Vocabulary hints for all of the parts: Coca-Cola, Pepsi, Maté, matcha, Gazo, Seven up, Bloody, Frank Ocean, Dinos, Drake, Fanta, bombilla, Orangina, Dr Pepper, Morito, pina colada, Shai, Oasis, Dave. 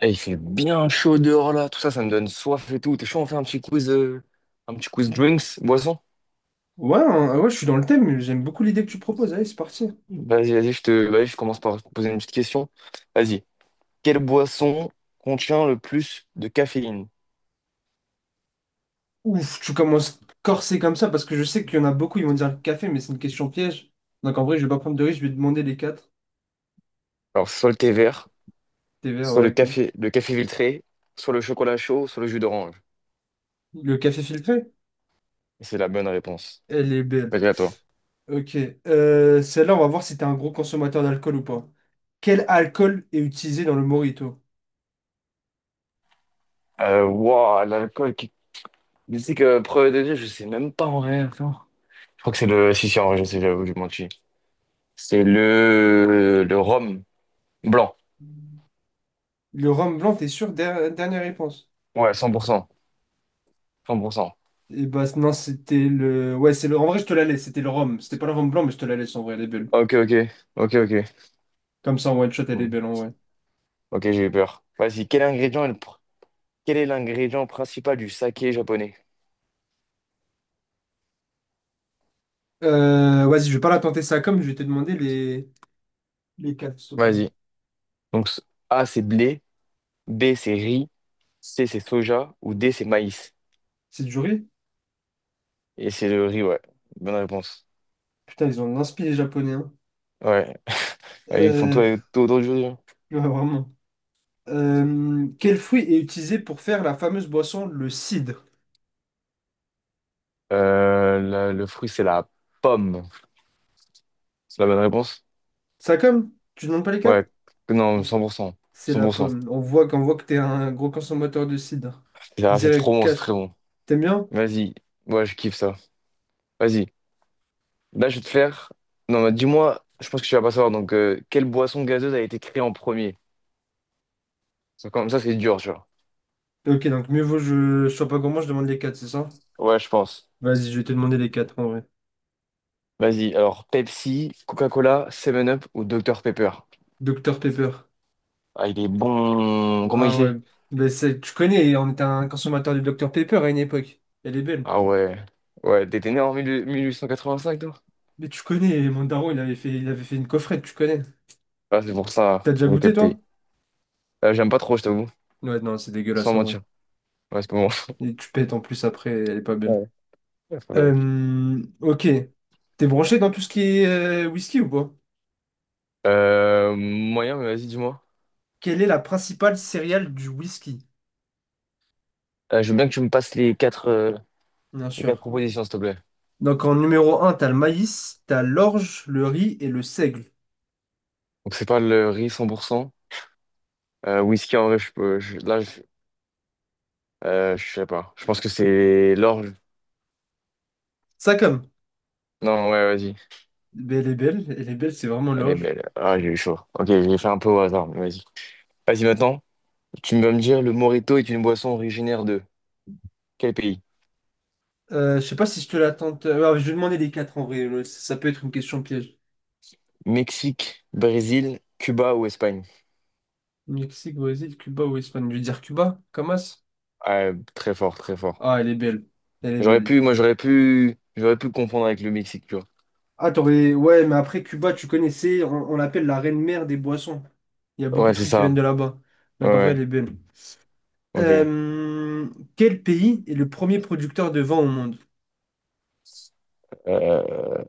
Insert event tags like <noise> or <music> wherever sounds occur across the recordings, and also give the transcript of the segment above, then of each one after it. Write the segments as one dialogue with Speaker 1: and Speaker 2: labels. Speaker 1: Eh, il fait bien chaud dehors là, tout ça, ça me donne soif et tout. T'es chaud, on fait un petit quiz drinks, boisson?
Speaker 2: Ouais, hein, ouais, je suis dans le thème, j'aime beaucoup l'idée que tu proposes. Allez, c'est parti.
Speaker 1: Vas-y, vas-y, vas-y, je commence par te poser une petite question. Vas-y. Quelle boisson contient le plus de caféine?
Speaker 2: Ouf, tu commences corsé comme ça parce que je sais qu'il y en a beaucoup, ils vont dire le café, mais c'est une question piège. Donc en vrai, je vais pas prendre de risque, je vais demander les quatre.
Speaker 1: Alors, soit le thé vert,
Speaker 2: Tes verres,
Speaker 1: soit
Speaker 2: ouais, ok.
Speaker 1: le café filtré, soit le chocolat chaud, soit le jus d'orange.
Speaker 2: Le café filtré?
Speaker 1: Et c'est la bonne réponse.
Speaker 2: Elle est belle.
Speaker 1: Vas-y, à toi.
Speaker 2: Ok. Celle-là, on va voir si t'es un gros consommateur d'alcool ou pas. Quel alcool est utilisé dans le mojito?
Speaker 1: Waouh, l'alcool qui... Mais c'est que premier degré, je sais même pas en vrai. Attends. Je crois que c'est le... Si, si, en vrai, je sais, j'avoue, j'ai menti. C'est le rhum blanc.
Speaker 2: Le rhum blanc, t'es sûr? Dernière réponse.
Speaker 1: Ouais, 100%. 100%.
Speaker 2: Et bah non, c'était le. Ouais, c'est le. En vrai, je te la laisse. C'était le rhum. C'était pas le rhum blanc, mais je te la laisse en vrai, elle est belle.
Speaker 1: Ok, ok. Ok, ok.
Speaker 2: Comme ça, en one shot, elle est
Speaker 1: Hmm.
Speaker 2: belle en vrai.
Speaker 1: Ok, j'ai eu peur. Vas-y, quel ingrédient est le pr- quel est l'ingrédient principal du saké japonais?
Speaker 2: Vas-y, je vais pas la tenter ça comme, je vais te demander les quatre, s'il te plaît.
Speaker 1: Vas-y. Donc, A, c'est blé. B, c'est riz. C, c'est soja. Ou D, c'est maïs.
Speaker 2: C'est du riz?
Speaker 1: Et c'est le riz, ouais. Bonne réponse.
Speaker 2: Putain, ils ont l'inspi les Japonais, hein.
Speaker 1: Ouais. Ouais, ils font tout,
Speaker 2: Euh,
Speaker 1: tout autour du riz, hein.
Speaker 2: <laughs> ouais, vraiment. Quel fruit est utilisé pour faire la fameuse boisson, le cidre?
Speaker 1: Le fruit, c'est la pomme. C'est la bonne réponse?
Speaker 2: Ça comme? Tu demandes pas les quatre?
Speaker 1: Ouais. Non, 100%.
Speaker 2: C'est la
Speaker 1: 100%.
Speaker 2: pomme. On voit qu'on voit que t'es un gros consommateur de cidre.
Speaker 1: C'est trop
Speaker 2: Direct,
Speaker 1: bon, c'est très
Speaker 2: cash.
Speaker 1: bon.
Speaker 2: T'aimes bien?
Speaker 1: Vas-y. Ouais, je kiffe ça. Vas-y. Là, je vais te faire. Non, mais dis-moi, je pense que tu vas pas savoir. Donc, quelle boisson gazeuse a été créée en premier? Ça, comme ça, c'est dur, tu vois.
Speaker 2: Ok, donc mieux vaut je sois pas gourmand, je demande les quatre, c'est ça?
Speaker 1: Ouais, je pense.
Speaker 2: Vas-y, je vais te demander les quatre en vrai.
Speaker 1: Vas-y, alors Pepsi, Coca-Cola, Seven up ou Dr Pepper?
Speaker 2: Docteur Pepper.
Speaker 1: Ah, il est bon. Comment il
Speaker 2: Ah ouais.
Speaker 1: sait?
Speaker 2: Ben, tu connais, on était un consommateur du Docteur Pepper à une époque. Elle est belle.
Speaker 1: Ah ouais. Ouais, t'étais né en 18- 1885, toi?
Speaker 2: Mais tu connais, mon daron, il avait fait une coffrette, tu connais.
Speaker 1: Ah, c'est pour ça,
Speaker 2: T'as déjà
Speaker 1: j'ai
Speaker 2: goûté, toi?
Speaker 1: capté. J'aime pas trop, je t'avoue.
Speaker 2: Ouais, non, c'est
Speaker 1: Sans
Speaker 2: dégueulasse en vrai.
Speaker 1: mentir. Ouais, c'est comment? <laughs>
Speaker 2: Et tu pètes en plus après, elle est pas belle.
Speaker 1: Ouais. Ouais, c'est pas mal.
Speaker 2: Ok. T'es branché dans tout ce qui est whisky ou pas?
Speaker 1: Moyen, mais vas-y, dis-moi.
Speaker 2: Quelle est la principale céréale du whisky?
Speaker 1: Je veux bien que tu me passes
Speaker 2: Bien
Speaker 1: les quatre
Speaker 2: sûr.
Speaker 1: propositions, s'il te plaît.
Speaker 2: Donc en numéro un t'as le maïs, t'as l'orge, le riz et le seigle.
Speaker 1: Donc, c'est pas le riz 100%. Whisky en vrai, je peux. Je- là, je sais pas. Je pense que c'est l'orge.
Speaker 2: Ça comme.
Speaker 1: Non, ouais, vas-y.
Speaker 2: Ben elle est belle, c'est vraiment
Speaker 1: Elle est
Speaker 2: l'orge.
Speaker 1: belle. Ah, j'ai eu chaud. Ok, je l'ai fait un peu au hasard, mais vas-y. Vas-y, maintenant, tu vas me dire le Morito est une boisson originaire de quel pays?
Speaker 2: Je sais pas si je te la tente. Ouais, je vais demander les quatre en vrai. Ouais, ça peut être une question piège.
Speaker 1: Mexique, Brésil, Cuba ou Espagne?
Speaker 2: Mexique, Brésil, Cuba ou Espagne. Je vais dire Cuba, Camas.
Speaker 1: Ouais, très fort, très fort.
Speaker 2: Ah, elle est belle. Elle est
Speaker 1: J'aurais
Speaker 2: belle.
Speaker 1: pu, moi, j'aurais pu confondre avec le Mexique, tu vois.
Speaker 2: Ah, t'aurais. Ouais, mais après Cuba, tu connaissais, on l'appelle la reine mère des boissons. Il y a beaucoup de
Speaker 1: Ouais, c'est
Speaker 2: trucs qui viennent
Speaker 1: ça.
Speaker 2: de là-bas.
Speaker 1: Ouais,
Speaker 2: Donc en vrai, elle
Speaker 1: ouais.
Speaker 2: est belle.
Speaker 1: Ok.
Speaker 2: Euh, Quel pays est le premier producteur de vin au monde?
Speaker 1: Euh,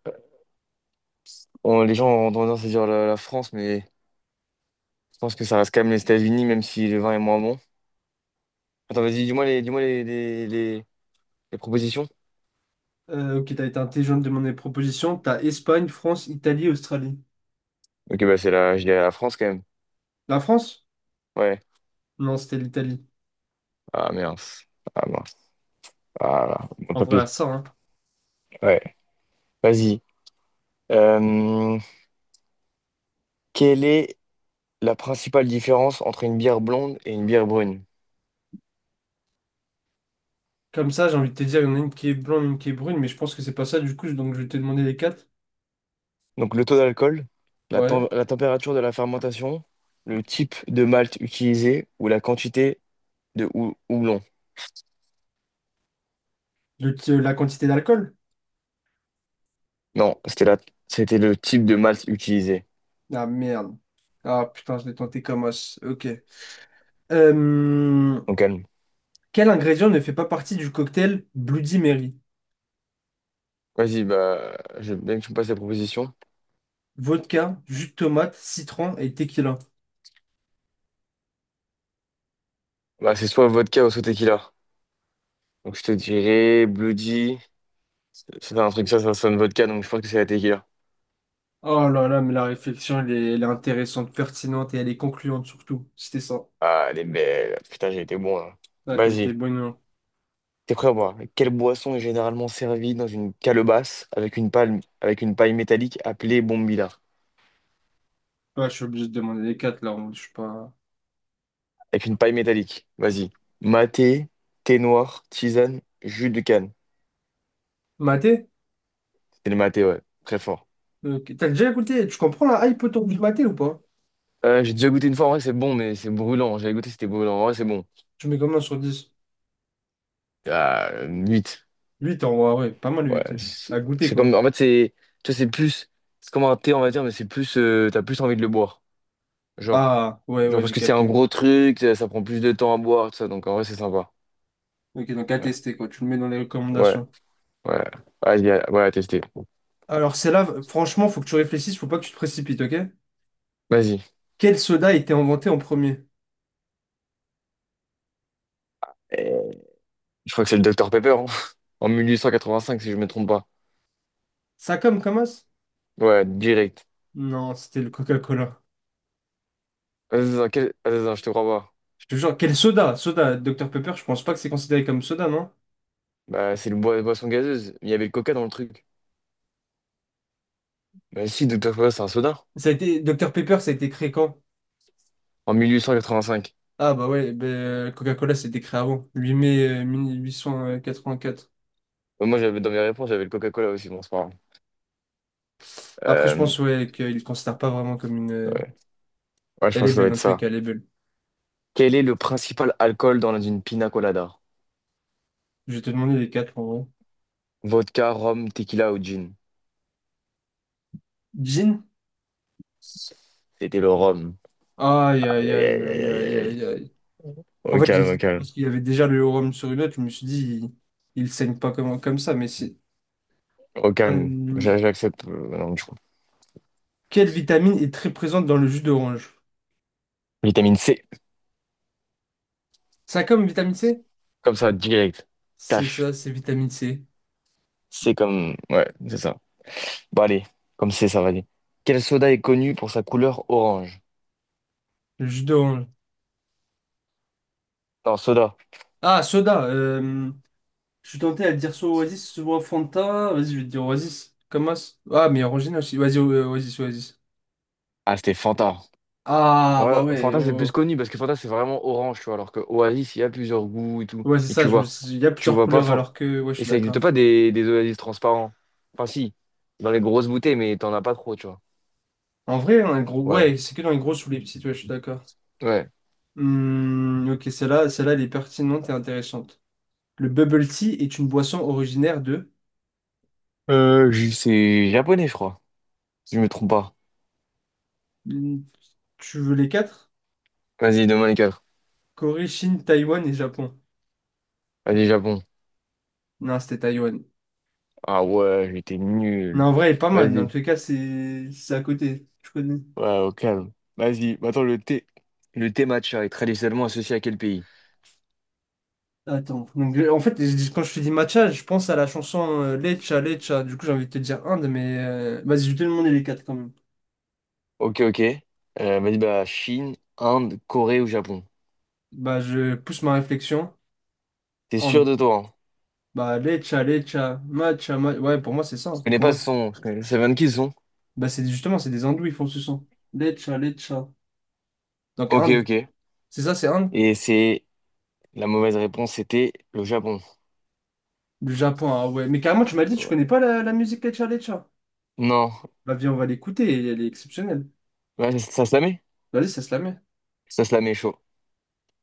Speaker 1: les gens ont tendance à dire la France, mais je pense que ça reste quand même les États-Unis, même si le vin est moins bon. Attends, vas-y, dis-moi les propositions.
Speaker 2: Ok, t'as été intelligent de demander des propositions. T'as Espagne, France, Italie, Australie.
Speaker 1: Ok, bah c'est la, je dirais la France quand même.
Speaker 2: La France?
Speaker 1: Ouais.
Speaker 2: Non, c'était l'Italie.
Speaker 1: Ah mince. Ah mince. Ah là. Bon,
Speaker 2: En
Speaker 1: tant.
Speaker 2: vrai, à ça, hein.
Speaker 1: Ouais. Vas-y. Euh, quelle est la principale différence entre une bière blonde et une bière brune?
Speaker 2: Comme ça, j'ai envie de te dire, il y en a une qui est blanche, une qui est brune, mais je pense que c'est pas ça du coup, donc je vais te demander les quatre.
Speaker 1: Donc le taux d'alcool,
Speaker 2: Ouais.
Speaker 1: la température de la fermentation, le type de malt utilisé ou la quantité de houblon.
Speaker 2: La quantité d'alcool?
Speaker 1: Non, c'était c'était le type de malt utilisé.
Speaker 2: Ah merde. Ah putain, je l'ai tenté comme os. Ok. Euh,
Speaker 1: Donc calme.
Speaker 2: quel ingrédient ne fait pas partie du cocktail Bloody Mary?
Speaker 1: Vas-y, bah, je veux bien que tu me passes les propositions.
Speaker 2: Vodka, jus de tomate, citron et tequila.
Speaker 1: Bah, c'est soit vodka ou soit tequila. Donc, je te dirais Bloody. C'est un truc, ça sonne vodka, donc je pense que c'est la tequila.
Speaker 2: Oh là là, mais la réflexion, elle est intéressante, pertinente et elle est concluante surtout. C'était ça.
Speaker 1: Ah, elle est belle. Putain, j'ai été bon, là.
Speaker 2: Ah, t'as été
Speaker 1: Vas-y.
Speaker 2: bon. Non.
Speaker 1: T'es prêt à boire? Quelle boisson est généralement servie dans une calebasse avec une palme, avec une paille métallique appelée bombilla?
Speaker 2: Ouais, je suis obligé de demander les quatre là. Je suis pas.
Speaker 1: Avec une paille métallique. Vas-y. Maté, thé noir, tisane, jus de canne.
Speaker 2: Maté?
Speaker 1: C'était le maté, ouais. Très fort.
Speaker 2: Ok. T'as déjà écouté? Tu comprends la hype autour du maté ou pas?
Speaker 1: J'ai déjà goûté une fois, en vrai, c'est bon, mais c'est brûlant. J'avais goûté, c'était brûlant. En vrai, c'est bon.
Speaker 2: Tu mets combien sur 10?
Speaker 1: Ah, 8.
Speaker 2: Huit en vrai, ouais, pas mal.
Speaker 1: Ouais,
Speaker 2: Huit.
Speaker 1: c'est
Speaker 2: À goûter
Speaker 1: c'est
Speaker 2: quoi.
Speaker 1: comme. En fait, c'est. Tu vois, c'est plus. C'est comme un thé, on va dire, mais c'est plus. T'as plus envie de le boire. Genre.
Speaker 2: Ah, ouais,
Speaker 1: Genre
Speaker 2: ouais,
Speaker 1: parce
Speaker 2: j'ai
Speaker 1: que c'est un
Speaker 2: capté.
Speaker 1: gros truc, ça prend plus de temps à boire, tout ça. Donc en vrai, c'est sympa.
Speaker 2: Ok, donc à
Speaker 1: Ouais.
Speaker 2: tester quoi. Tu le mets dans les
Speaker 1: Ouais.
Speaker 2: recommandations.
Speaker 1: Ouais. Vas-y, ouais, à tester.
Speaker 2: Alors, c'est là, franchement, faut que tu réfléchisses, faut pas que tu te précipites, ok?
Speaker 1: Vas-y.
Speaker 2: Quel soda a été inventé en premier?
Speaker 1: Euh, Je crois que c'est le docteur Pepper, hein. <laughs> En 1885, si je me trompe pas.
Speaker 2: Ça comme.
Speaker 1: Ouais, direct.
Speaker 2: Non, c'était le Coca-Cola.
Speaker 1: Vas-y, attends, attends, je te crois pas.
Speaker 2: Je te jure, quel soda? Soda, Dr Pepper, je pense pas que c'est considéré comme soda, non?
Speaker 1: Bah, c'est le boisson gazeuse. Il y avait le coca dans le truc. Bah, si, docteur Pepper, c'est un soda.
Speaker 2: Ça a été. Dr Pepper, ça a été créé quand?
Speaker 1: En 1885.
Speaker 2: Ah bah ouais, ben, Coca-Cola c'était créé avant, 8 mai 1884.
Speaker 1: Bah, moi, j'avais dans mes réponses, j'avais le Coca-Cola aussi, bon, c'est pas grave.
Speaker 2: Après je
Speaker 1: Euh,
Speaker 2: pense ouais qu'ils ne considèrent pas vraiment comme une.
Speaker 1: ouais. Ouais, je
Speaker 2: Elle
Speaker 1: pense
Speaker 2: est
Speaker 1: que ça doit
Speaker 2: belle,
Speaker 1: être
Speaker 2: en tout
Speaker 1: ça.
Speaker 2: cas elle est belle.
Speaker 1: Quel est le principal alcool dans une pina colada?
Speaker 2: Je vais te demander les quatre en vrai.
Speaker 1: Vodka, rhum, tequila ou gin?
Speaker 2: Gin?
Speaker 1: C'était le rhum.
Speaker 2: Aïe
Speaker 1: Aïe,
Speaker 2: aïe
Speaker 1: aïe,
Speaker 2: aïe
Speaker 1: aïe, aïe,
Speaker 2: aïe
Speaker 1: aïe,
Speaker 2: aïe
Speaker 1: aïe.
Speaker 2: aïe aïe. En
Speaker 1: Au
Speaker 2: fait
Speaker 1: calme, au
Speaker 2: j'hésitais
Speaker 1: calme.
Speaker 2: parce qu'il y avait déjà le rhum sur une autre, je me suis dit il saigne pas comme ça, mais c'est.
Speaker 1: Au calme.
Speaker 2: Euh,
Speaker 1: J'accepte. Non, je crois.
Speaker 2: quelle vitamine est très présente dans le jus d'orange?
Speaker 1: Vitamine C.
Speaker 2: Ça comme vitamine C?
Speaker 1: Comme ça, direct.
Speaker 2: C'est
Speaker 1: Cash.
Speaker 2: ça, c'est vitamine C.
Speaker 1: C'est comme. Ouais, c'est ça. Bon, allez. Comme c'est, ça va aller. Quel soda est connu pour sa couleur orange?
Speaker 2: Le jus d'orange.
Speaker 1: Non, soda.
Speaker 2: Ah, soda. Je suis tenté à dire soit Oasis, soit Fanta. Vas-y, je vais te dire Oasis. As. Ah, mais Orangina aussi. Vas-y, Oasis, Oasis.
Speaker 1: Ah, c'était Fanta.
Speaker 2: Ah, bah
Speaker 1: Ouais,
Speaker 2: ouais.
Speaker 1: Fanta, c'est plus
Speaker 2: Oh.
Speaker 1: connu parce que Fanta, c'est vraiment orange, tu vois, alors que Oasis, il y a plusieurs goûts et tout.
Speaker 2: Oh. Ouais, c'est
Speaker 1: Et
Speaker 2: ça. Il y a
Speaker 1: tu
Speaker 2: plusieurs
Speaker 1: vois pas
Speaker 2: couleurs
Speaker 1: fort.
Speaker 2: alors que. Ouais, je
Speaker 1: Et
Speaker 2: suis
Speaker 1: ça
Speaker 2: d'accord.
Speaker 1: n'existe pas des Oasis transparents. Enfin, si, dans les grosses bouteilles, mais t'en as pas trop, tu vois.
Speaker 2: En vrai, un gros.
Speaker 1: Ouais,
Speaker 2: Ouais, c'est que dans les grosses ou les petites. Ouais, je suis d'accord.
Speaker 1: ouais.
Speaker 2: Hmm, ok, celle-là, elle est pertinente et intéressante. Le bubble tea est une boisson originaire de.
Speaker 1: C'est japonais, je crois, si je me trompe pas.
Speaker 2: Hmm, tu veux les quatre?
Speaker 1: Vas-y, demain les quatre.
Speaker 2: Corée, Chine, Taïwan et Japon.
Speaker 1: Vas-y, Japon.
Speaker 2: Non, c'était Taïwan.
Speaker 1: Ah ouais, j'étais
Speaker 2: Non,
Speaker 1: nul.
Speaker 2: en vrai, elle est pas mal. Dans
Speaker 1: Vas-y.
Speaker 2: tous les cas, c'est à côté. Je connais.
Speaker 1: Ouais, au calme. Vas-y. Attends, le thé. Le thé matcha est traditionnellement associé à quel pays?
Speaker 2: Attends. Quand je te dis matcha, je pense à la chanson Lecha, Lecha. Du coup, j'ai envie de te dire Inde, mais vas-y, je vais te demander les quatre quand même.
Speaker 1: Ok, ok. Vas-y, bah, Chine, Inde, Corée ou Japon?
Speaker 2: Bah, je pousse ma réflexion.
Speaker 1: T'es sûr
Speaker 2: Inde.
Speaker 1: de toi, hein?
Speaker 2: Bah, Lecha, Lecha, matcha, Ouais, pour moi, c'est ça.
Speaker 1: Je
Speaker 2: Hein.
Speaker 1: connais pas ce son. Je sais même qui ce son.
Speaker 2: Bah, c'est justement, c'est des hindous, ils font ce son. Lecha, Lecha. Donc,
Speaker 1: Ok,
Speaker 2: Inde.
Speaker 1: ok.
Speaker 2: C'est ça, c'est Inde?
Speaker 1: Et c'est... La mauvaise réponse, c'était le Japon.
Speaker 2: Le Japon, ah ouais. Mais carrément, tu m'as dit, tu
Speaker 1: Ouais.
Speaker 2: connais pas la musique Lecha, Lecha.
Speaker 1: Non.
Speaker 2: Bah, viens, on va l'écouter, elle est exceptionnelle.
Speaker 1: Ouais, ça se la met?
Speaker 2: Vas-y, ça se la met.
Speaker 1: Ça se la met chaud.